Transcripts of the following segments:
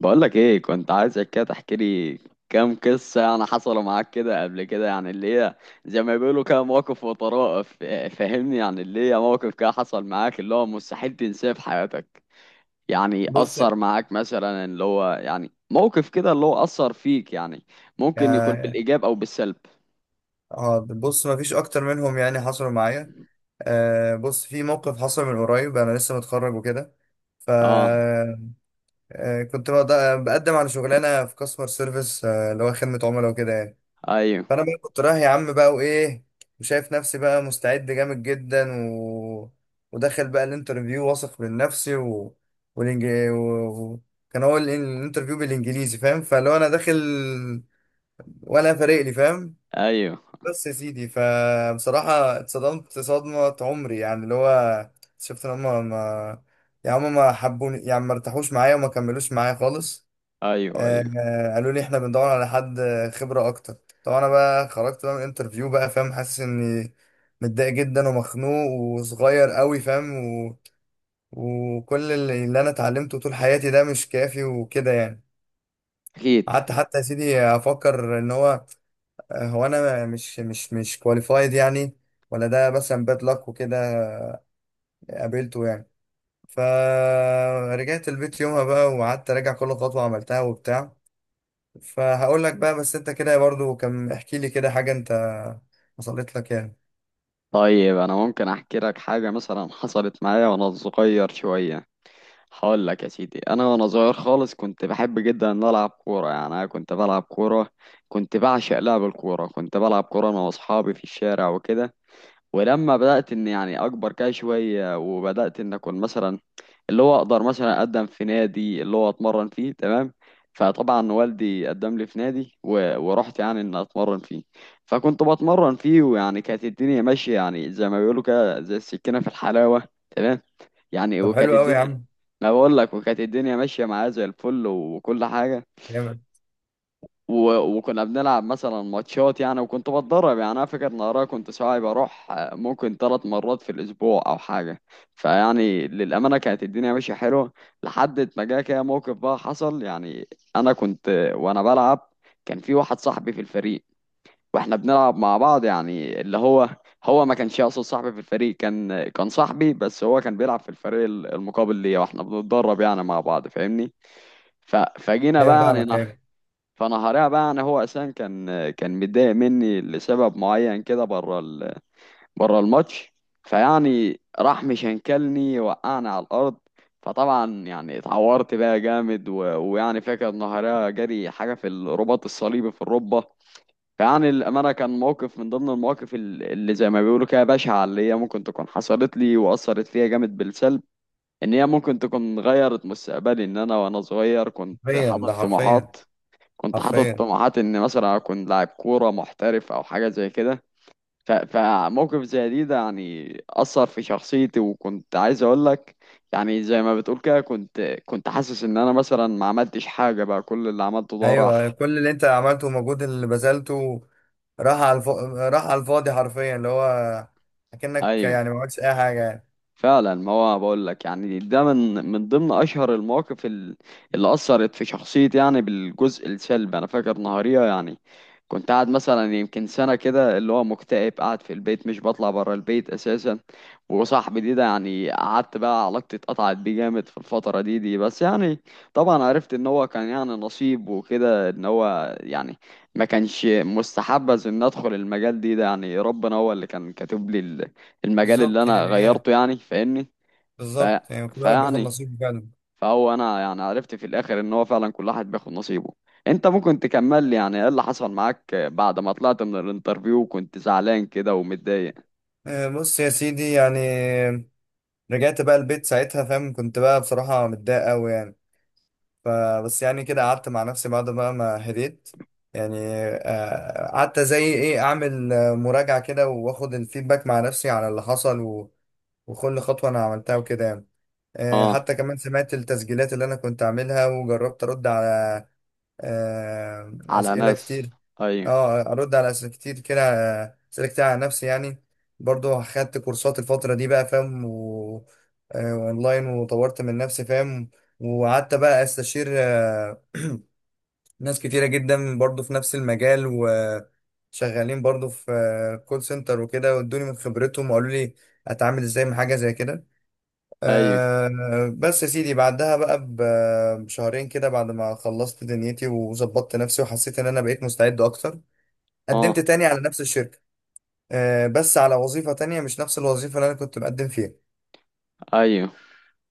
بقولك ايه، كنت عايزك كده تحكي لي كام قصة يعني حصلوا معاك كده قبل كده، يعني اللي هي زي ما بيقولوا كده مواقف وطرائف، فاهمني؟ يعني اللي هي موقف كده حصل معاك اللي هو مستحيل تنساه في حياتك. يعني بص، يعني أثر معاك مثلا، اللي هو يعني موقف كده اللي هو أثر فيك يعني. ممكن يكون بالإيجاب أو بالسلب. اه، بص، ما فيش اكتر منهم يعني حصلوا معايا. آه، بص، في موقف حصل من قريب، انا لسه متخرج وكده. ف... اه. آه، كنت بقدم على شغلانه في كاستمر سيرفيس، آه، اللي هو خدمه عملاء وكده يعني. ايوه فانا بقى كنت رايح يا عم بقى، وايه، وشايف نفسي بقى مستعد جامد جدا، و... وداخل بقى الانترفيو واثق من نفسي، و... والإنج... و... و... كان هو الانترفيو بالانجليزي، فاهم؟ فلو انا داخل ولا فارق لي، فاهم؟ ايوه. بس يا سيدي، فبصراحة اتصدمت صدمة عمري، يعني اللي هو شفت ان هما ما يعني هما ما حبوني، يعني ما ارتاحوش معايا وما كملوش معايا خالص. ايوه آه ايوه. آه، قالوا لي احنا بندور على حد خبرة اكتر. طبعا انا بقى خرجت بقى من الانترفيو بقى، فاهم، حاسس اني متضايق جدا ومخنوق وصغير قوي، فاهم، و... وكل اللي انا اتعلمته طول حياتي ده مش كافي وكده يعني. اكيد. قعدت حتى يا سيدي افكر ان هو، هو انا مش كواليفايد يعني، ولا ده مثلا باد لك وكده قابلته يعني. فرجعت البيت يومها بقى وقعدت اراجع كل خطوة عملتها وبتاع. فهقول لك بقى، بس انت كده برضو كان احكي لي كده حاجة انت حصلت لك يعني. طيب انا ممكن احكي لك حاجه مثلا حصلت معايا وانا صغير شويه. هقول لك يا سيدي، انا وانا صغير خالص كنت بحب جدا ان أنا العب كوره، يعني انا كنت بلعب كوره، كنت بعشق لعب الكوره، كنت بلعب كوره انا واصحابي في الشارع وكده. ولما بدات ان يعني اكبر كده شويه وبدات ان اكون مثلا اللي هو اقدر مثلا اقدم في نادي اللي هو اتمرن فيه، تمام؟ فطبعا والدي قدم لي في نادي ورحت يعني ان اتمرن فيه. فكنت بتمرن فيه، ويعني كانت الدنيا ماشيه، يعني زي ما بيقولوا كده زي السكينه في الحلاوه، تمام؟ يعني طب وكانت حلو قوي يا الدنيا، عم. انا بقول لك وكانت الدنيا ماشيه معايا زي الفل وكل حاجه. جامد. وكنا بنلعب مثلا ماتشات يعني، وكنت بتدرب يعني. انا فاكر نهارها كنت ساعات بروح ممكن ثلاث مرات في الاسبوع او حاجه. فيعني للامانه كانت الدنيا ماشيه حلوه، لحد ما جه كده موقف بقى حصل يعني. انا كنت وانا بلعب، كان في واحد صاحبي في الفريق واحنا بنلعب مع بعض، يعني اللي هو هو ما كانش اصلا صاحبي في الفريق، كان صاحبي بس هو كان بيلعب في الفريق المقابل ليا، واحنا بنتدرب يعني مع بعض، فاهمني؟ فجينا ايوه، بقى يعني فاهمك، نح... ايوه. فنهارها بقى يعني هو اساسا كان متضايق مني لسبب معين كده بره بره الماتش. فيعني راح مشنكلني وقعني على الارض. فطبعا يعني اتعورت بقى جامد، ويعني فاكر نهارها جري حاجه في الرباط الصليبي في الركبه. فيعني الامانه كان موقف من ضمن المواقف اللي زي ما بيقولوا كده بشعه، اللي هي ممكن تكون حصلت لي واثرت فيا جامد بالسلب. ان هي ممكن تكون غيرت مستقبلي، ان انا وانا صغير كنت حرفيا، ده حاطط حرفيا. طموحات، كنت حاطط حرفيا. طموحات ان مثلا اكون لاعب كوره محترف او حاجه زي كده. فموقف زي دي ده يعني اثر في شخصيتي، وكنت عايز اقول لك يعني زي ما بتقول كده، كنت حاسس ان انا مثلا ما عملتش حاجه بقى، كل اللي عملته ده ايوه، راح. كل اللي انت عملته والمجهود اللي بذلته راح على الف... راح على الفاضي، حرفيا، اللي هو اكنك ايوه يعني ما عملتش اي حاجة يعني. فعلا. ما هو بقول لك يعني ده من ضمن اشهر المواقف اللي اثرت في شخصيتي يعني بالجزء السلبي. انا فاكر نهاريه يعني كنت قاعد مثلا يمكن سنه كده، اللي هو مكتئب قاعد في البيت مش بطلع بره البيت اساسا. وصاحبي دي ده يعني قعدت بقى، علاقتي اتقطعت بيه جامد في الفتره دي، بس يعني طبعا عرفت ان هو كان يعني نصيب وكده، ان هو يعني ما كانش مستحبذ ان ادخل المجال ده يعني. ربنا هو اللي كان كاتب لي المجال اللي بالظبط انا يعني، هي غيرته يعني، فاهمني؟ ف... بالظبط يعني، كل واحد بياخد فيعني نصيبه فعلا. فهو انا يعني عرفت في الاخر ان هو فعلا كل واحد بياخد نصيبه. انت ممكن تكمل لي يعني ايه اللي حصل معاك بعد ما طلعت من الانترفيو وكنت زعلان كده ومتضايق؟ آه، بص يا سيدي يعني، رجعت بقى البيت ساعتها، فاهم، كنت بقى بصراحة متضايق أوي يعني. فبس يعني كده قعدت مع نفسي بعد بقى ما هديت يعني. آه، قعدت زي إيه أعمل آه، مراجعة كده وآخد الفيدباك مع نفسي على اللي حصل، و- وكل خطوة أنا عملتها وكده يعني. آه، اه. حتى كمان سمعت التسجيلات اللي انا كنت عاملها، وجربت ارد على آه، على أسئلة ناس. كتير. ايوه اه، أرد على أسئلة كتير كده. آه، أسئلة كتير على نفسي يعني. برضو خدت كورسات الفترة دي بقى، فاهم، و... آه، أونلاين، وطورت من نفسي، فاهم. وقعدت بقى أستشير، آه، ناس كتيرة جدا برضو في نفس المجال وشغالين، برضو في كول سنتر وكده، وادوني من خبرتهم وقالوا لي أتعامل إزاي مع حاجة زي كده. ايوه. أه، بس يا سيدي، بعدها بقى بشهرين كده، بعد ما خلصت دنيتي وظبطت نفسي وحسيت ان انا بقيت مستعد اكتر، قدمت اه. تاني على نفس الشركة. أه، بس على وظيفة تانية، مش نفس الوظيفة اللي انا كنت مقدم فيها. ايوه.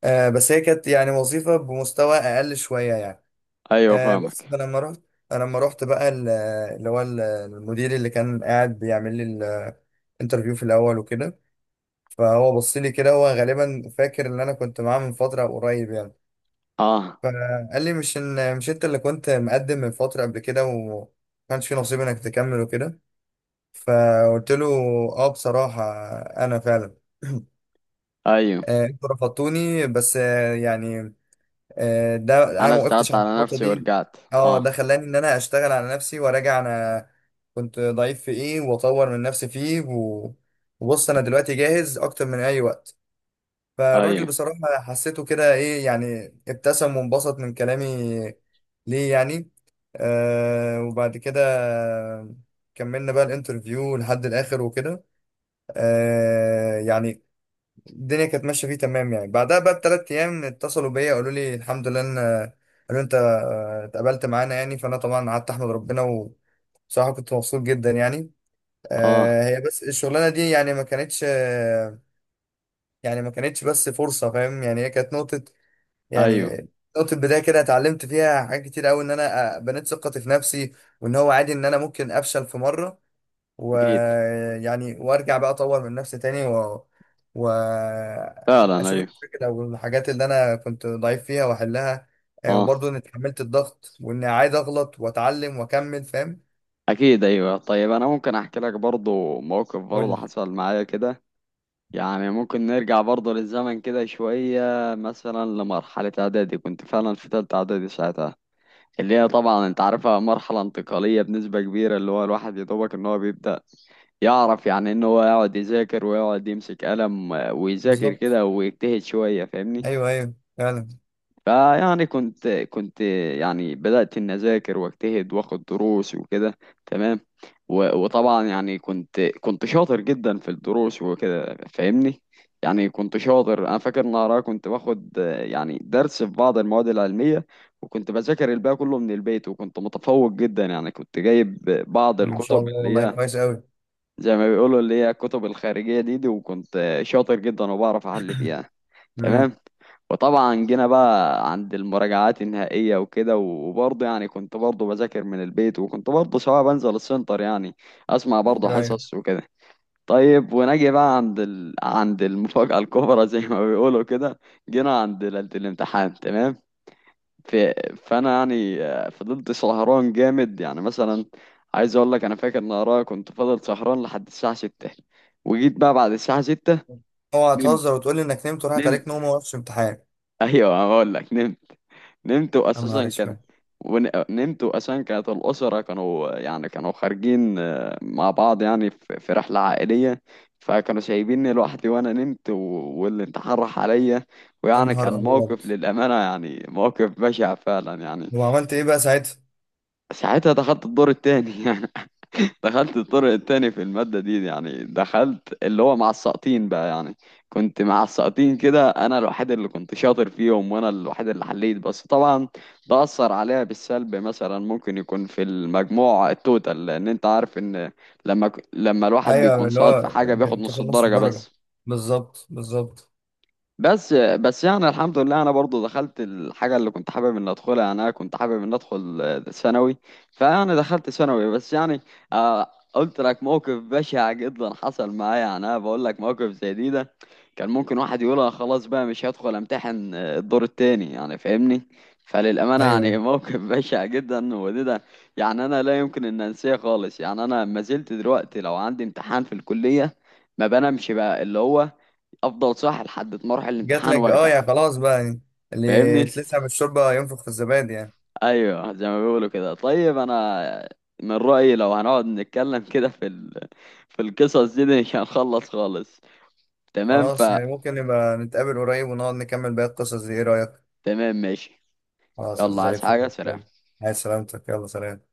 أه، بس هي كانت يعني وظيفة بمستوى اقل شوية يعني. ايوه أه، بس فاهمك. فلما رحت، لما رحت بقى ال- اللي هو المدير اللي كان قاعد بيعمل لي الانترفيو في الاول وكده، فهو بص لي كده، هو غالبا فاكر ان انا كنت معاه من فترة قريب يعني. اه. فقال لي مش، ان مش انت اللي كنت مقدم من فترة قبل كده، وما كانش في نصيب انك تكمل وكده. فقلت له: اه، بصراحة انا فعلا ايوه. آه، انتوا رفضتوني، بس آه، يعني آه، ده انا انا ما وقفتش اشتغلت عند على النقطة نفسي دي. ورجعت. اه، ده اه. خلاني ان انا اشتغل على نفسي وراجع انا كنت ضعيف في ايه، واطور من نفسي فيه، و- وبص انا دلوقتي جاهز اكتر من اي وقت. فالراجل ايوه. بصراحة حسيته كده ايه، يعني ابتسم وانبسط من كلامي ليه يعني. آه، وبعد كده كملنا بقى الانترفيو لحد الاخر وكده. آه، يعني الدنيا كانت ماشية فيه تمام يعني. بعدها بقى ب3 ايام اتصلوا بيا، قالوا لي الحمد لله، ان قالوا انت آه، اتقبلت معانا يعني. فانا طبعا قعدت احمد ربنا، وبصراحة كنت مبسوط جدا يعني. اه. آه، هي بس الشغلانة دي يعني ما كانتش، آه، يعني ما كانتش بس فرصة، فاهم، يعني هي كانت نقطة، يعني ايوه. نقطة بداية كده اتعلمت فيها حاجات كتير قوي، ان انا آه، بنيت ثقتي في نفسي، وان هو عادي ان انا ممكن افشل في مرة، اكيد. ويعني وارجع بقى اطور من نفسي تاني، و فعلا، واشوف ايوه. الفكرة او الحاجات اللي انا كنت ضعيف فيها واحلها. آه، اه. وبرضه اني اتحملت الضغط، واني عايز اغلط واتعلم واكمل، فاهم. اكيد. ايوه. طيب انا ممكن احكي لك برضو موقف قول برضو لي. حصل معايا كده. يعني ممكن نرجع برضو للزمن كده شويه، مثلا لمرحله اعدادي. كنت فعلا في تالتة اعدادي ساعتها، اللي هي طبعا انت عارفها مرحله انتقاليه بنسبه كبيره، اللي هو الواحد يا دوبك ان هو بيبدا يعرف يعني ان هو يقعد يذاكر ويقعد يمسك قلم ويذاكر بالظبط. كده ويجتهد شويه، فاهمني؟ ايوه، ايوه فعلا. فيعني كنت كنت يعني بدأت إن أذاكر وأجتهد وآخد دروس وكده، تمام؟ وطبعا يعني كنت شاطر جدا في الدروس وكده، فاهمني؟ يعني كنت شاطر. أنا فاكر إن أنا كنت باخد يعني درس في بعض المواد العلمية وكنت بذاكر الباقي كله من البيت، وكنت متفوق جدا. يعني كنت جايب بعض ان شاء الكتب الله، اللي والله هي كويس قوي. زي ما بيقولوا اللي هي الكتب الخارجية دي، وكنت شاطر جدا وبعرف أحل فيها، امم. تمام. وطبعا جينا بقى عند المراجعات النهائية وكده، وبرضه يعني كنت برضه بذاكر من البيت، وكنت برضه سواء بنزل السنتر يعني أسمع برضه ايوه ايوه. حصص وكده. طيب ونجي بقى عند عند المفاجأة الكبرى زي ما بيقولوا كده. جينا عند ليلة الامتحان، تمام؟ فانا يعني فضلت سهران جامد، يعني مثلا عايز اقول لك، انا فاكر ان ورايا كنت فضل سهران لحد الساعه 6، وجيت بقى بعد الساعه 6 اوعى نمت. تهزر وتقول لي انك نمت وراحت نمت. عليك نوم وما وقفتش امتحان! ايوه هقول لك نمت. نمت يا نهار واساسا كان، اسود! نمت واساسا كانت الاسره كانوا يعني كانوا خارجين مع بعض يعني في رحله عائليه، فكانوا سايبيني لوحدي وانا نمت واللي اتحرح عليا. يا ويعني نهار كان ابيض! موقف للامانه يعني موقف بشع فعلا يعني. وعملت ايه بقى ساعتها؟ ساعتها دخلت الدور التاني يعني. دخلت الدور التاني في المادة دي، يعني دخلت اللي هو مع الساقطين بقى يعني. كنت مع الساقطين كده، انا الوحيد اللي كنت شاطر فيهم وانا الوحيد اللي حليت، بس طبعا ده اثر عليها بالسلب مثلا، ممكن يكون في المجموع التوتال، لان انت عارف ان لما الواحد ايوه، بيكون اللي ساقط في هو حاجة بياخد تاخد نص نص الدرجة الدرجه. بس. بالظبط بالظبط. يعني الحمد لله انا برضو دخلت الحاجه اللي كنت حابب ان ادخلها، يعني انا كنت حابب ان ادخل ثانوي، فيعني دخلت ثانوي، بس يعني قلت لك موقف بشع جدا حصل معايا. يعني انا بقول لك موقف زي دي ده كان ممكن واحد يقولها خلاص بقى مش هدخل امتحن الدور التاني، يعني فاهمني؟ فللامانه ايوه يعني ايوه. موقف بشع جدا، ده يعني انا لا يمكن ان انساه خالص. يعني انا ما زلت دلوقتي لو عندي امتحان في الكليه ما بنامش بقى، اللي هو افضل صاحي لحد ما اروح جات الامتحان لك اه وارجع، يعني، خلاص بقى يعني. اللي فاهمني؟ اتلسع بالشوربه ينفخ في الزبادي يعني. ايوه زي ما بيقولوا كده. طيب انا من رأيي لو هنقعد نتكلم كده في في القصص دي مش هنخلص خالص، تمام؟ ف، خلاص، يعني ممكن نبقى نتقابل قريب ونقعد نكمل باقي القصص دي، ايه رايك؟ تمام ماشي. خلاص، يلا، زي عايز الفل. حاجة؟ سلام. عايز سلامتك، يلا سلام.